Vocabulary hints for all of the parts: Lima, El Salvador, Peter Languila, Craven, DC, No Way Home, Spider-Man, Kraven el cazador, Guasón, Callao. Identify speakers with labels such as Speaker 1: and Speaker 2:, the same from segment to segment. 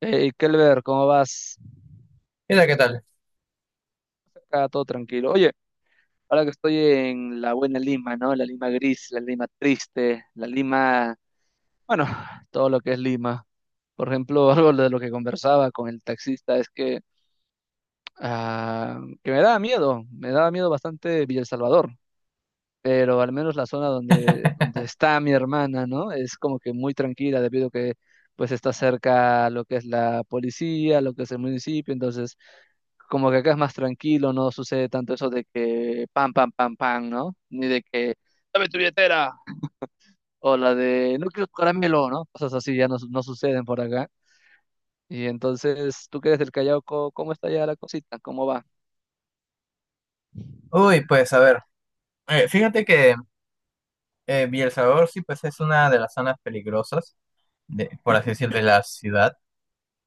Speaker 1: Hey, Kelber, ¿cómo vas?
Speaker 2: Mira, ¿qué tal?
Speaker 1: Acá todo tranquilo. Oye, ahora que estoy en la buena Lima, ¿no? La Lima gris, la Lima triste, la Lima, bueno, todo lo que es Lima. Por ejemplo, algo de lo que conversaba con el taxista es que, ah, que me daba miedo bastante Villa El Salvador. Pero al menos la zona donde, está mi hermana, ¿no? Es como que muy tranquila debido a que pues está cerca lo que es la policía, lo que es el municipio, entonces como que acá es más tranquilo, no sucede tanto eso de que pam, pam, pam, pam, ¿no? Ni de que dame tu billetera o la de no quiero tu caramelo, ¿no? Cosas así ya no suceden por acá. Y entonces, tú que eres del Callao, ¿cómo está ya la cosita? ¿Cómo va?
Speaker 2: Uy, pues a ver, fíjate que El Salvador sí pues es una de las zonas peligrosas, de, por así decirlo, de la ciudad.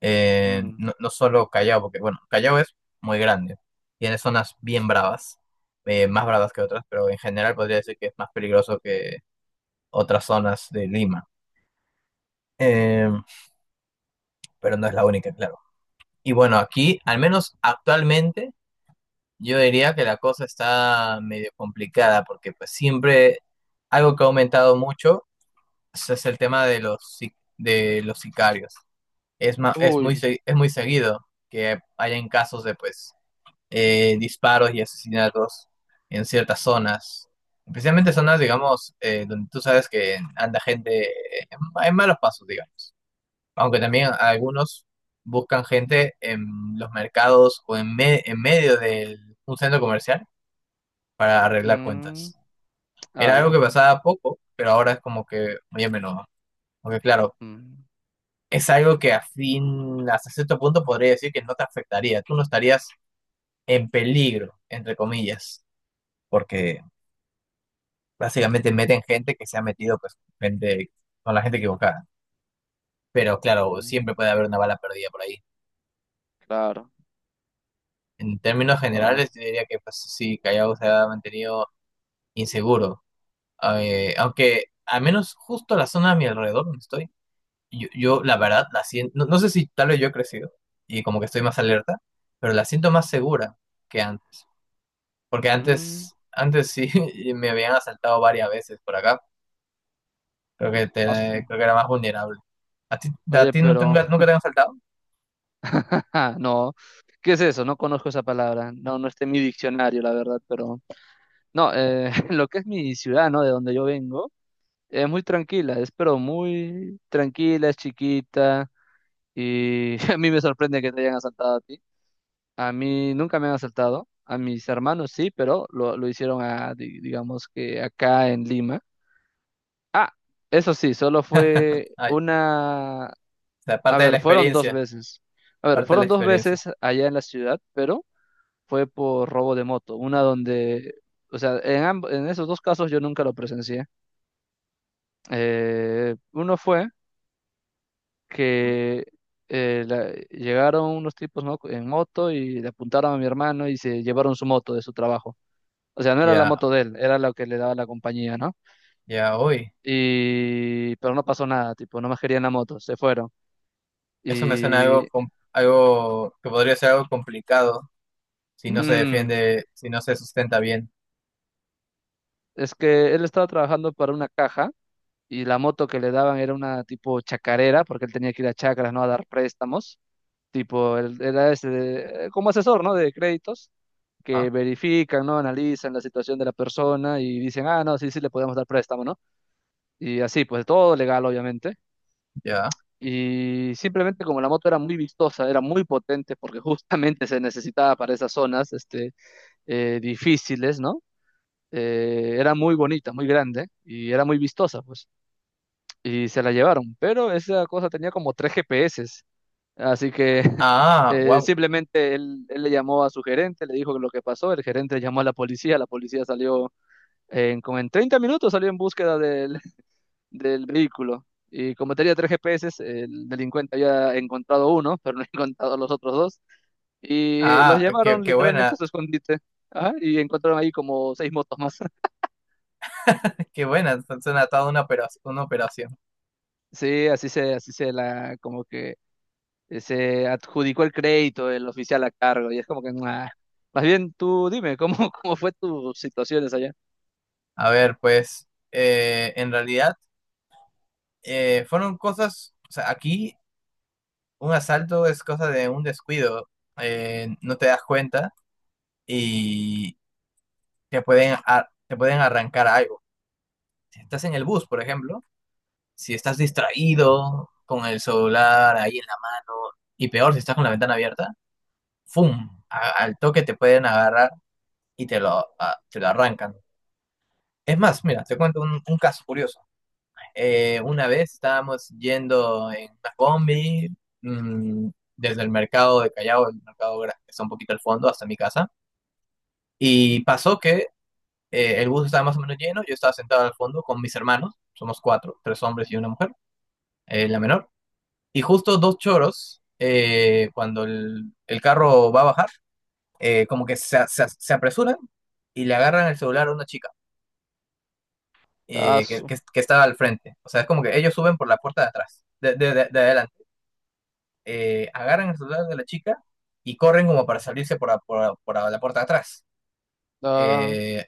Speaker 1: Mm.
Speaker 2: No, no solo Callao, porque bueno, Callao es muy grande, tiene zonas bien bravas, más bravas que otras, pero en general podría decir que es más peligroso que otras zonas de Lima. Eh, pero no es la única, claro. Y bueno, aquí, al menos actualmente, yo diría que la cosa está medio complicada, porque pues siempre algo que ha aumentado mucho. Ese es el tema de los, de los sicarios. Es, es, muy,
Speaker 1: Uy,
Speaker 2: es muy seguido que hayan casos de pues disparos y asesinatos en ciertas zonas, especialmente zonas, digamos, donde tú sabes que anda gente en, en malos pasos, digamos. Aunque también algunos buscan gente en los mercados o en, en medio de un centro comercial para arreglar
Speaker 1: mm,
Speaker 2: cuentas. Era algo que
Speaker 1: ala,
Speaker 2: pasaba poco, pero ahora es como que muy a menudo. Porque claro,
Speaker 1: mm,
Speaker 2: es algo que a fin, hasta cierto punto podría decir que no te afectaría. Tú no estarías en peligro, entre comillas, porque básicamente meten gente que se ha metido pues, gente, con la gente equivocada. Pero claro,
Speaker 1: mm,
Speaker 2: siempre puede haber una bala perdida por ahí.
Speaker 1: claro.
Speaker 2: En términos
Speaker 1: Ah,
Speaker 2: generales, yo diría que pues, sí, Callao se ha mantenido inseguro. Aunque al menos justo la zona a mi alrededor donde estoy, yo, la verdad la siento, no, no sé si tal vez yo he crecido y como que estoy más alerta, pero la siento más segura que antes. Porque
Speaker 1: mm,
Speaker 2: antes, antes sí me habían asaltado varias veces por acá. Creo que
Speaker 1: asu.
Speaker 2: creo que era más vulnerable. ¿A ti, a
Speaker 1: Oye,
Speaker 2: ti
Speaker 1: pero
Speaker 2: nunca te han asaltado?
Speaker 1: no, ¿qué es eso? No conozco esa palabra. No, no está en mi diccionario, la verdad, pero no, lo que es mi ciudad, ¿no? De donde yo vengo, es muy tranquila, es pero muy tranquila, es chiquita y a mí me sorprende que te hayan asaltado a ti. A mí nunca me han asaltado, a mis hermanos sí, pero lo hicieron a, digamos que acá en Lima. Ah, eso sí, solo fue
Speaker 2: Ay, o
Speaker 1: una.
Speaker 2: sea,
Speaker 1: A
Speaker 2: parte de la
Speaker 1: ver, fueron dos
Speaker 2: experiencia,
Speaker 1: veces. A ver,
Speaker 2: parte de la
Speaker 1: fueron dos
Speaker 2: experiencia.
Speaker 1: veces allá en la ciudad, pero fue por robo de moto. Una donde, o sea, en esos dos casos yo nunca lo presencié. Uno fue que eh, la- llegaron unos tipos, ¿no? en moto y le apuntaron a mi hermano y se llevaron su moto de su trabajo. O sea, no era la
Speaker 2: Ya,
Speaker 1: moto de él, era la que le daba la compañía, ¿no?
Speaker 2: ya, uy.
Speaker 1: Pero no pasó nada, tipo, no más querían la moto, se fueron.
Speaker 2: Eso me suena
Speaker 1: Y,
Speaker 2: algo, algo que podría ser algo complicado si no se
Speaker 1: mm,
Speaker 2: defiende, si no se sustenta bien.
Speaker 1: es que él estaba trabajando para una caja y la moto que le daban era una tipo chacarera, porque él tenía que ir a chacras, ¿no? A dar préstamos, tipo, él era ese como asesor, ¿no? De créditos,
Speaker 2: Ah,
Speaker 1: que verifican, ¿no? Analizan la situación de la persona y dicen, ah, no, sí, sí, le podemos dar préstamo, ¿no? Y así, pues todo legal, obviamente.
Speaker 2: ya.
Speaker 1: Y simplemente como la moto era muy vistosa, era muy potente, porque justamente se necesitaba para esas zonas, este, difíciles, ¿no? Era muy bonita, muy grande y era muy vistosa, pues. Y se la llevaron, pero esa cosa tenía como tres GPS, así que
Speaker 2: Ah, wow.
Speaker 1: simplemente él le llamó a su gerente, le dijo lo que pasó, el gerente llamó a la policía salió como en 30 minutos, salió en búsqueda del vehículo y como tenía tres GPS, el delincuente había encontrado uno, pero no encontrado los otros dos y los
Speaker 2: Ah, qué,
Speaker 1: llevaron
Speaker 2: qué buena,
Speaker 1: literalmente a su escondite. Ajá, y encontraron ahí como seis motos más.
Speaker 2: qué buena. Suena toda una operación, una operación.
Speaker 1: Sí, así se la, como que se adjudicó el crédito el oficial a cargo y es como que "Nah". Más bien tú dime cómo cómo fue tus situaciones allá.
Speaker 2: A ver, pues, en realidad. Fueron cosas, o sea, aquí un asalto es cosa de un descuido, no te das cuenta y te pueden, te pueden arrancar algo. Si estás en el bus, por ejemplo, si estás distraído con el celular ahí en la mano y peor si estás con la ventana abierta, ¡fum! Al toque te pueden agarrar y te lo arrancan. Es más, mira, te cuento un caso curioso. Una vez estábamos yendo en una combi, mm, desde el mercado de Callao, el mercado que está un poquito al fondo, hasta mi casa. Y pasó que el bus estaba más o menos lleno, yo estaba sentado al fondo con mis hermanos, somos cuatro, tres hombres y una mujer, la menor. Y justo dos choros, cuando el carro va a bajar, como que se apresuran y le agarran el celular a una chica,
Speaker 1: Ah,
Speaker 2: que estaba al frente. O sea, es como que ellos suben por la puerta de atrás, de adelante. Agarran el celular de la chica y corren como para salirse por, a la puerta de atrás.
Speaker 1: ah,
Speaker 2: Eh,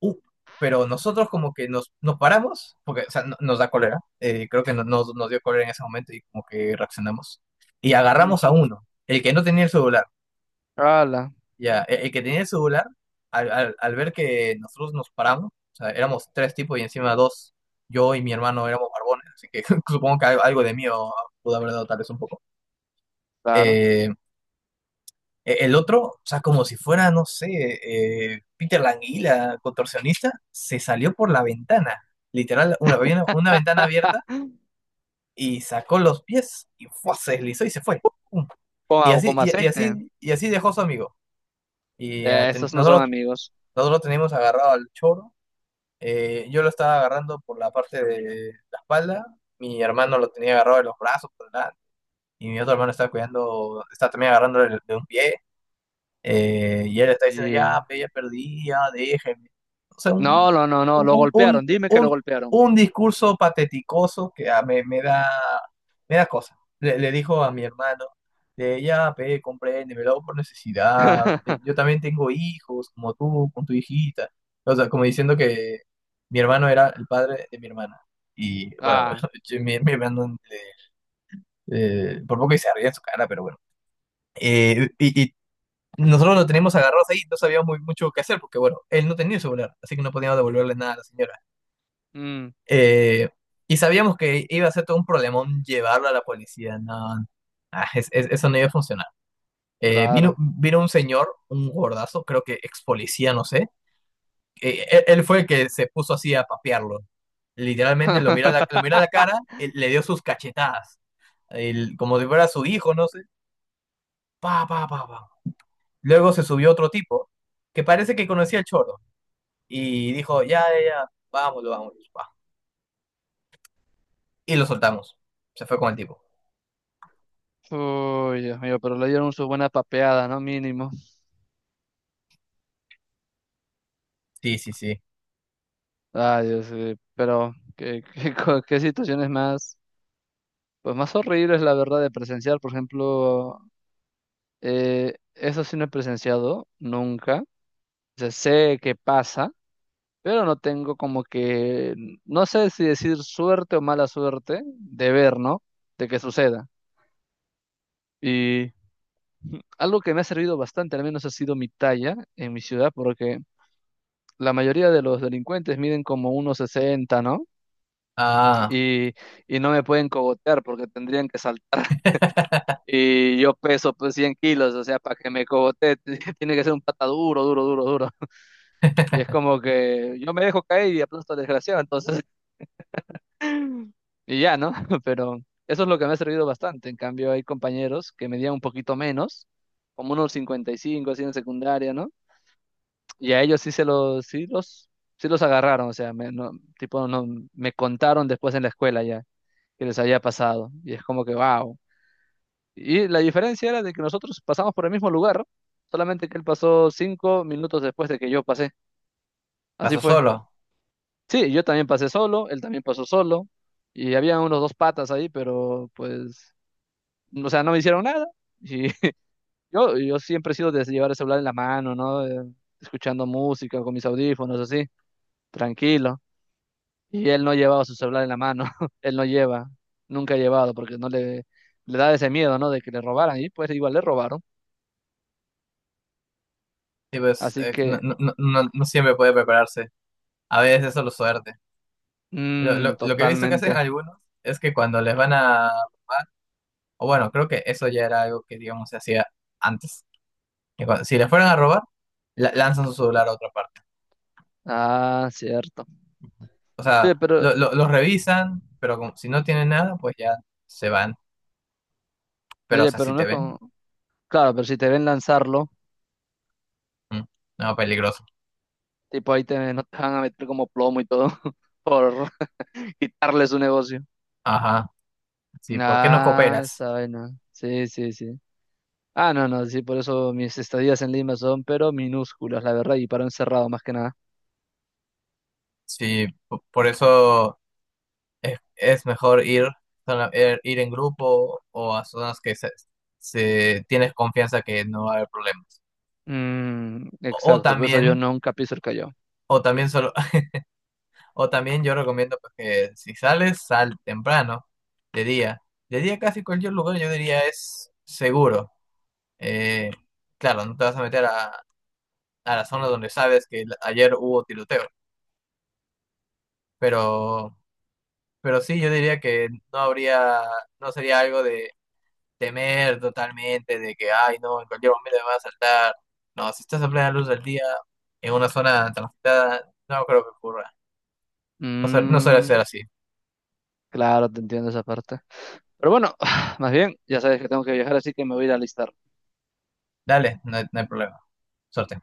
Speaker 2: uh, pero nosotros como que nos paramos, porque o sea, nos da cólera, creo que nos dio cólera en ese momento y como que reaccionamos. Y agarramos a
Speaker 1: ujú,
Speaker 2: uno, el que no tenía el celular.
Speaker 1: ala,
Speaker 2: Ya, el que tenía el celular, al ver que nosotros nos paramos, o sea, éramos tres tipos y encima dos, yo y mi hermano éramos barbones, así que supongo que algo, algo de mí pudo haber dado tal vez un poco.
Speaker 1: claro.
Speaker 2: Eh, El otro, o sea, como si fuera, no sé, Peter Languila, contorsionista, se salió por la ventana, literal, había una ventana abierta y sacó los pies y ¡fua! Se deslizó y se fue. ¡Pum!
Speaker 1: Con, a- con aceite.
Speaker 2: Y así dejó su amigo.
Speaker 1: Eh, estos no son
Speaker 2: Nosotros
Speaker 1: amigos.
Speaker 2: nosotros lo teníamos agarrado al choro. Yo lo estaba agarrando por la parte de la espalda. Mi hermano lo tenía agarrado de los brazos por delante. Y mi otro hermano estaba cuidando, estaba también agarrando de un pie. Y él está diciendo,
Speaker 1: Y.
Speaker 2: ya, pe, ya perdí, ya, déjenme. O sea,
Speaker 1: No, no, no, no, lo
Speaker 2: un, un,
Speaker 1: golpearon. Dime que lo
Speaker 2: un,
Speaker 1: golpearon.
Speaker 2: un discurso pateticoso que ah, me da cosa. Le dijo a mi hermano, de, ya, pe, compréndeme, lo hago por necesidad. Yo también tengo hijos, como tú, con tu hijita. O sea, como diciendo que mi hermano era el padre de mi hermana. Y bueno,
Speaker 1: Ah,
Speaker 2: mi hermano, por poco y se ría en su cara, pero bueno. Eh, y, Nosotros lo teníamos agarrados ahí, no sabíamos muy, mucho qué hacer, porque bueno, él no tenía celular, así que no podíamos devolverle nada a la señora.
Speaker 1: mm,
Speaker 2: Eh, Sabíamos que iba a ser todo un problemón llevarlo a la policía, no, no. Eso no iba a funcionar.
Speaker 1: claro.
Speaker 2: Vino un señor, un gordazo, creo que ex policía, no sé, que él fue el que se puso así a papearlo. Literalmente lo mira a la cara, le dio sus cachetadas, como si fuera su hijo, no sé, pa, pa, pa, pa. Luego se subió otro tipo, que parece que conocía el choro. Y dijo, ya, ya, ya, vámonos, vámonos, va. Y lo soltamos. Se fue con el tipo.
Speaker 1: Uy, Dios mío, pero le dieron su buena papeada, ¿no? Mínimo.
Speaker 2: Sí, sí, sí.
Speaker 1: Ay, Dios, sí, pero, ¿qué, qué situaciones más? Pues más horrible es la verdad de presenciar, por ejemplo, eso sí no he presenciado nunca. O sea, sé que pasa, pero no tengo como que, no sé si decir suerte o mala suerte de ver, ¿no? De que suceda. Y algo que me ha servido bastante, al menos ha sido mi talla en mi ciudad, porque la mayoría de los delincuentes miden como 1,60, ¿no?
Speaker 2: Ah,
Speaker 1: Y, y no me pueden cogotear porque tendrían que saltar. Y yo peso pues 100 kilos, o sea, para que me cogote tiene que ser un pata duro, duro, duro, duro. Y es como que yo me dejo caer y aplasto al desgraciado, entonces, y ya, ¿no? Pero eso es lo que me ha servido bastante. En cambio, hay compañeros que medían un poquito menos, como unos 55 así en secundaria, ¿no? Y a ellos sí se los, sí los, sí los agarraron, o sea, no, tipo, no, me contaron después en la escuela ya que les había pasado. Y es como que, wow. Y la diferencia era de que nosotros pasamos por el mismo lugar, solamente que él pasó 5 minutos después de que yo pasé. Así
Speaker 2: pasó
Speaker 1: fue.
Speaker 2: solo.
Speaker 1: Sí, yo también pasé solo, él también pasó solo, y había unos dos patas ahí, pero pues, o sea, no me hicieron nada. Y yo siempre he sido de llevar el celular en la mano, ¿no? Escuchando música con mis audífonos, así, tranquilo. Y él no llevaba su celular en la mano, él no lleva, nunca ha llevado, porque no le da ese miedo, ¿no? De que le robaran, y pues igual le robaron.
Speaker 2: Sí, pues,
Speaker 1: Así
Speaker 2: no,
Speaker 1: que.
Speaker 2: no, no, no siempre puede prepararse. A veces es solo suerte.
Speaker 1: Mm,
Speaker 2: Lo que he visto que hacen
Speaker 1: totalmente.
Speaker 2: algunos es que cuando les van a robar, o bueno, creo que eso ya era algo que, digamos, se hacía antes. Si les fueran a robar, lanzan su celular a otra parte.
Speaker 1: Ah, cierto.
Speaker 2: O sea,
Speaker 1: Oye, pero,
Speaker 2: lo revisan, pero si no tienen nada, pues ya se van. Pero, o
Speaker 1: oye,
Speaker 2: sea,
Speaker 1: pero
Speaker 2: si
Speaker 1: no
Speaker 2: te
Speaker 1: es como.
Speaker 2: ven,
Speaker 1: Claro, pero si te ven lanzarlo,
Speaker 2: mm, no, peligroso.
Speaker 1: tipo ahí no te van a meter como plomo y todo por quitarle su negocio.
Speaker 2: Ajá, sí, ¿por qué no
Speaker 1: Ah,
Speaker 2: cooperas?
Speaker 1: esa vaina. Sí, sí, sí. Ah, no, no, sí, por eso mis estadías en Lima son, pero minúsculas, la verdad, y para un cerrado más que nada.
Speaker 2: Sí, por eso es mejor ir, ir en grupo o a zonas que tienes confianza que no va a haber problemas.
Speaker 1: Mm,
Speaker 2: O,
Speaker 1: exacto, por eso yo
Speaker 2: también,
Speaker 1: nunca piso el Callao.
Speaker 2: o también solo, o también yo recomiendo pues, que si sales, sal temprano, de día. De día casi cualquier lugar yo diría es seguro. Eh, claro, no te vas a meter a la zona donde sabes que ayer hubo tiroteo, pero Pero sí, yo diría que no sería algo de temer totalmente, de que, ay, no, en cualquier momento me va a saltar. No, si estás a plena luz del día, en una zona transitada, no creo que ocurra. No, no suele
Speaker 1: Mm,
Speaker 2: ser así.
Speaker 1: claro, te entiendo esa parte. Pero bueno, más bien, ya sabes que tengo que viajar, así que me voy a ir a alistar.
Speaker 2: Dale, no hay problema. Suerte.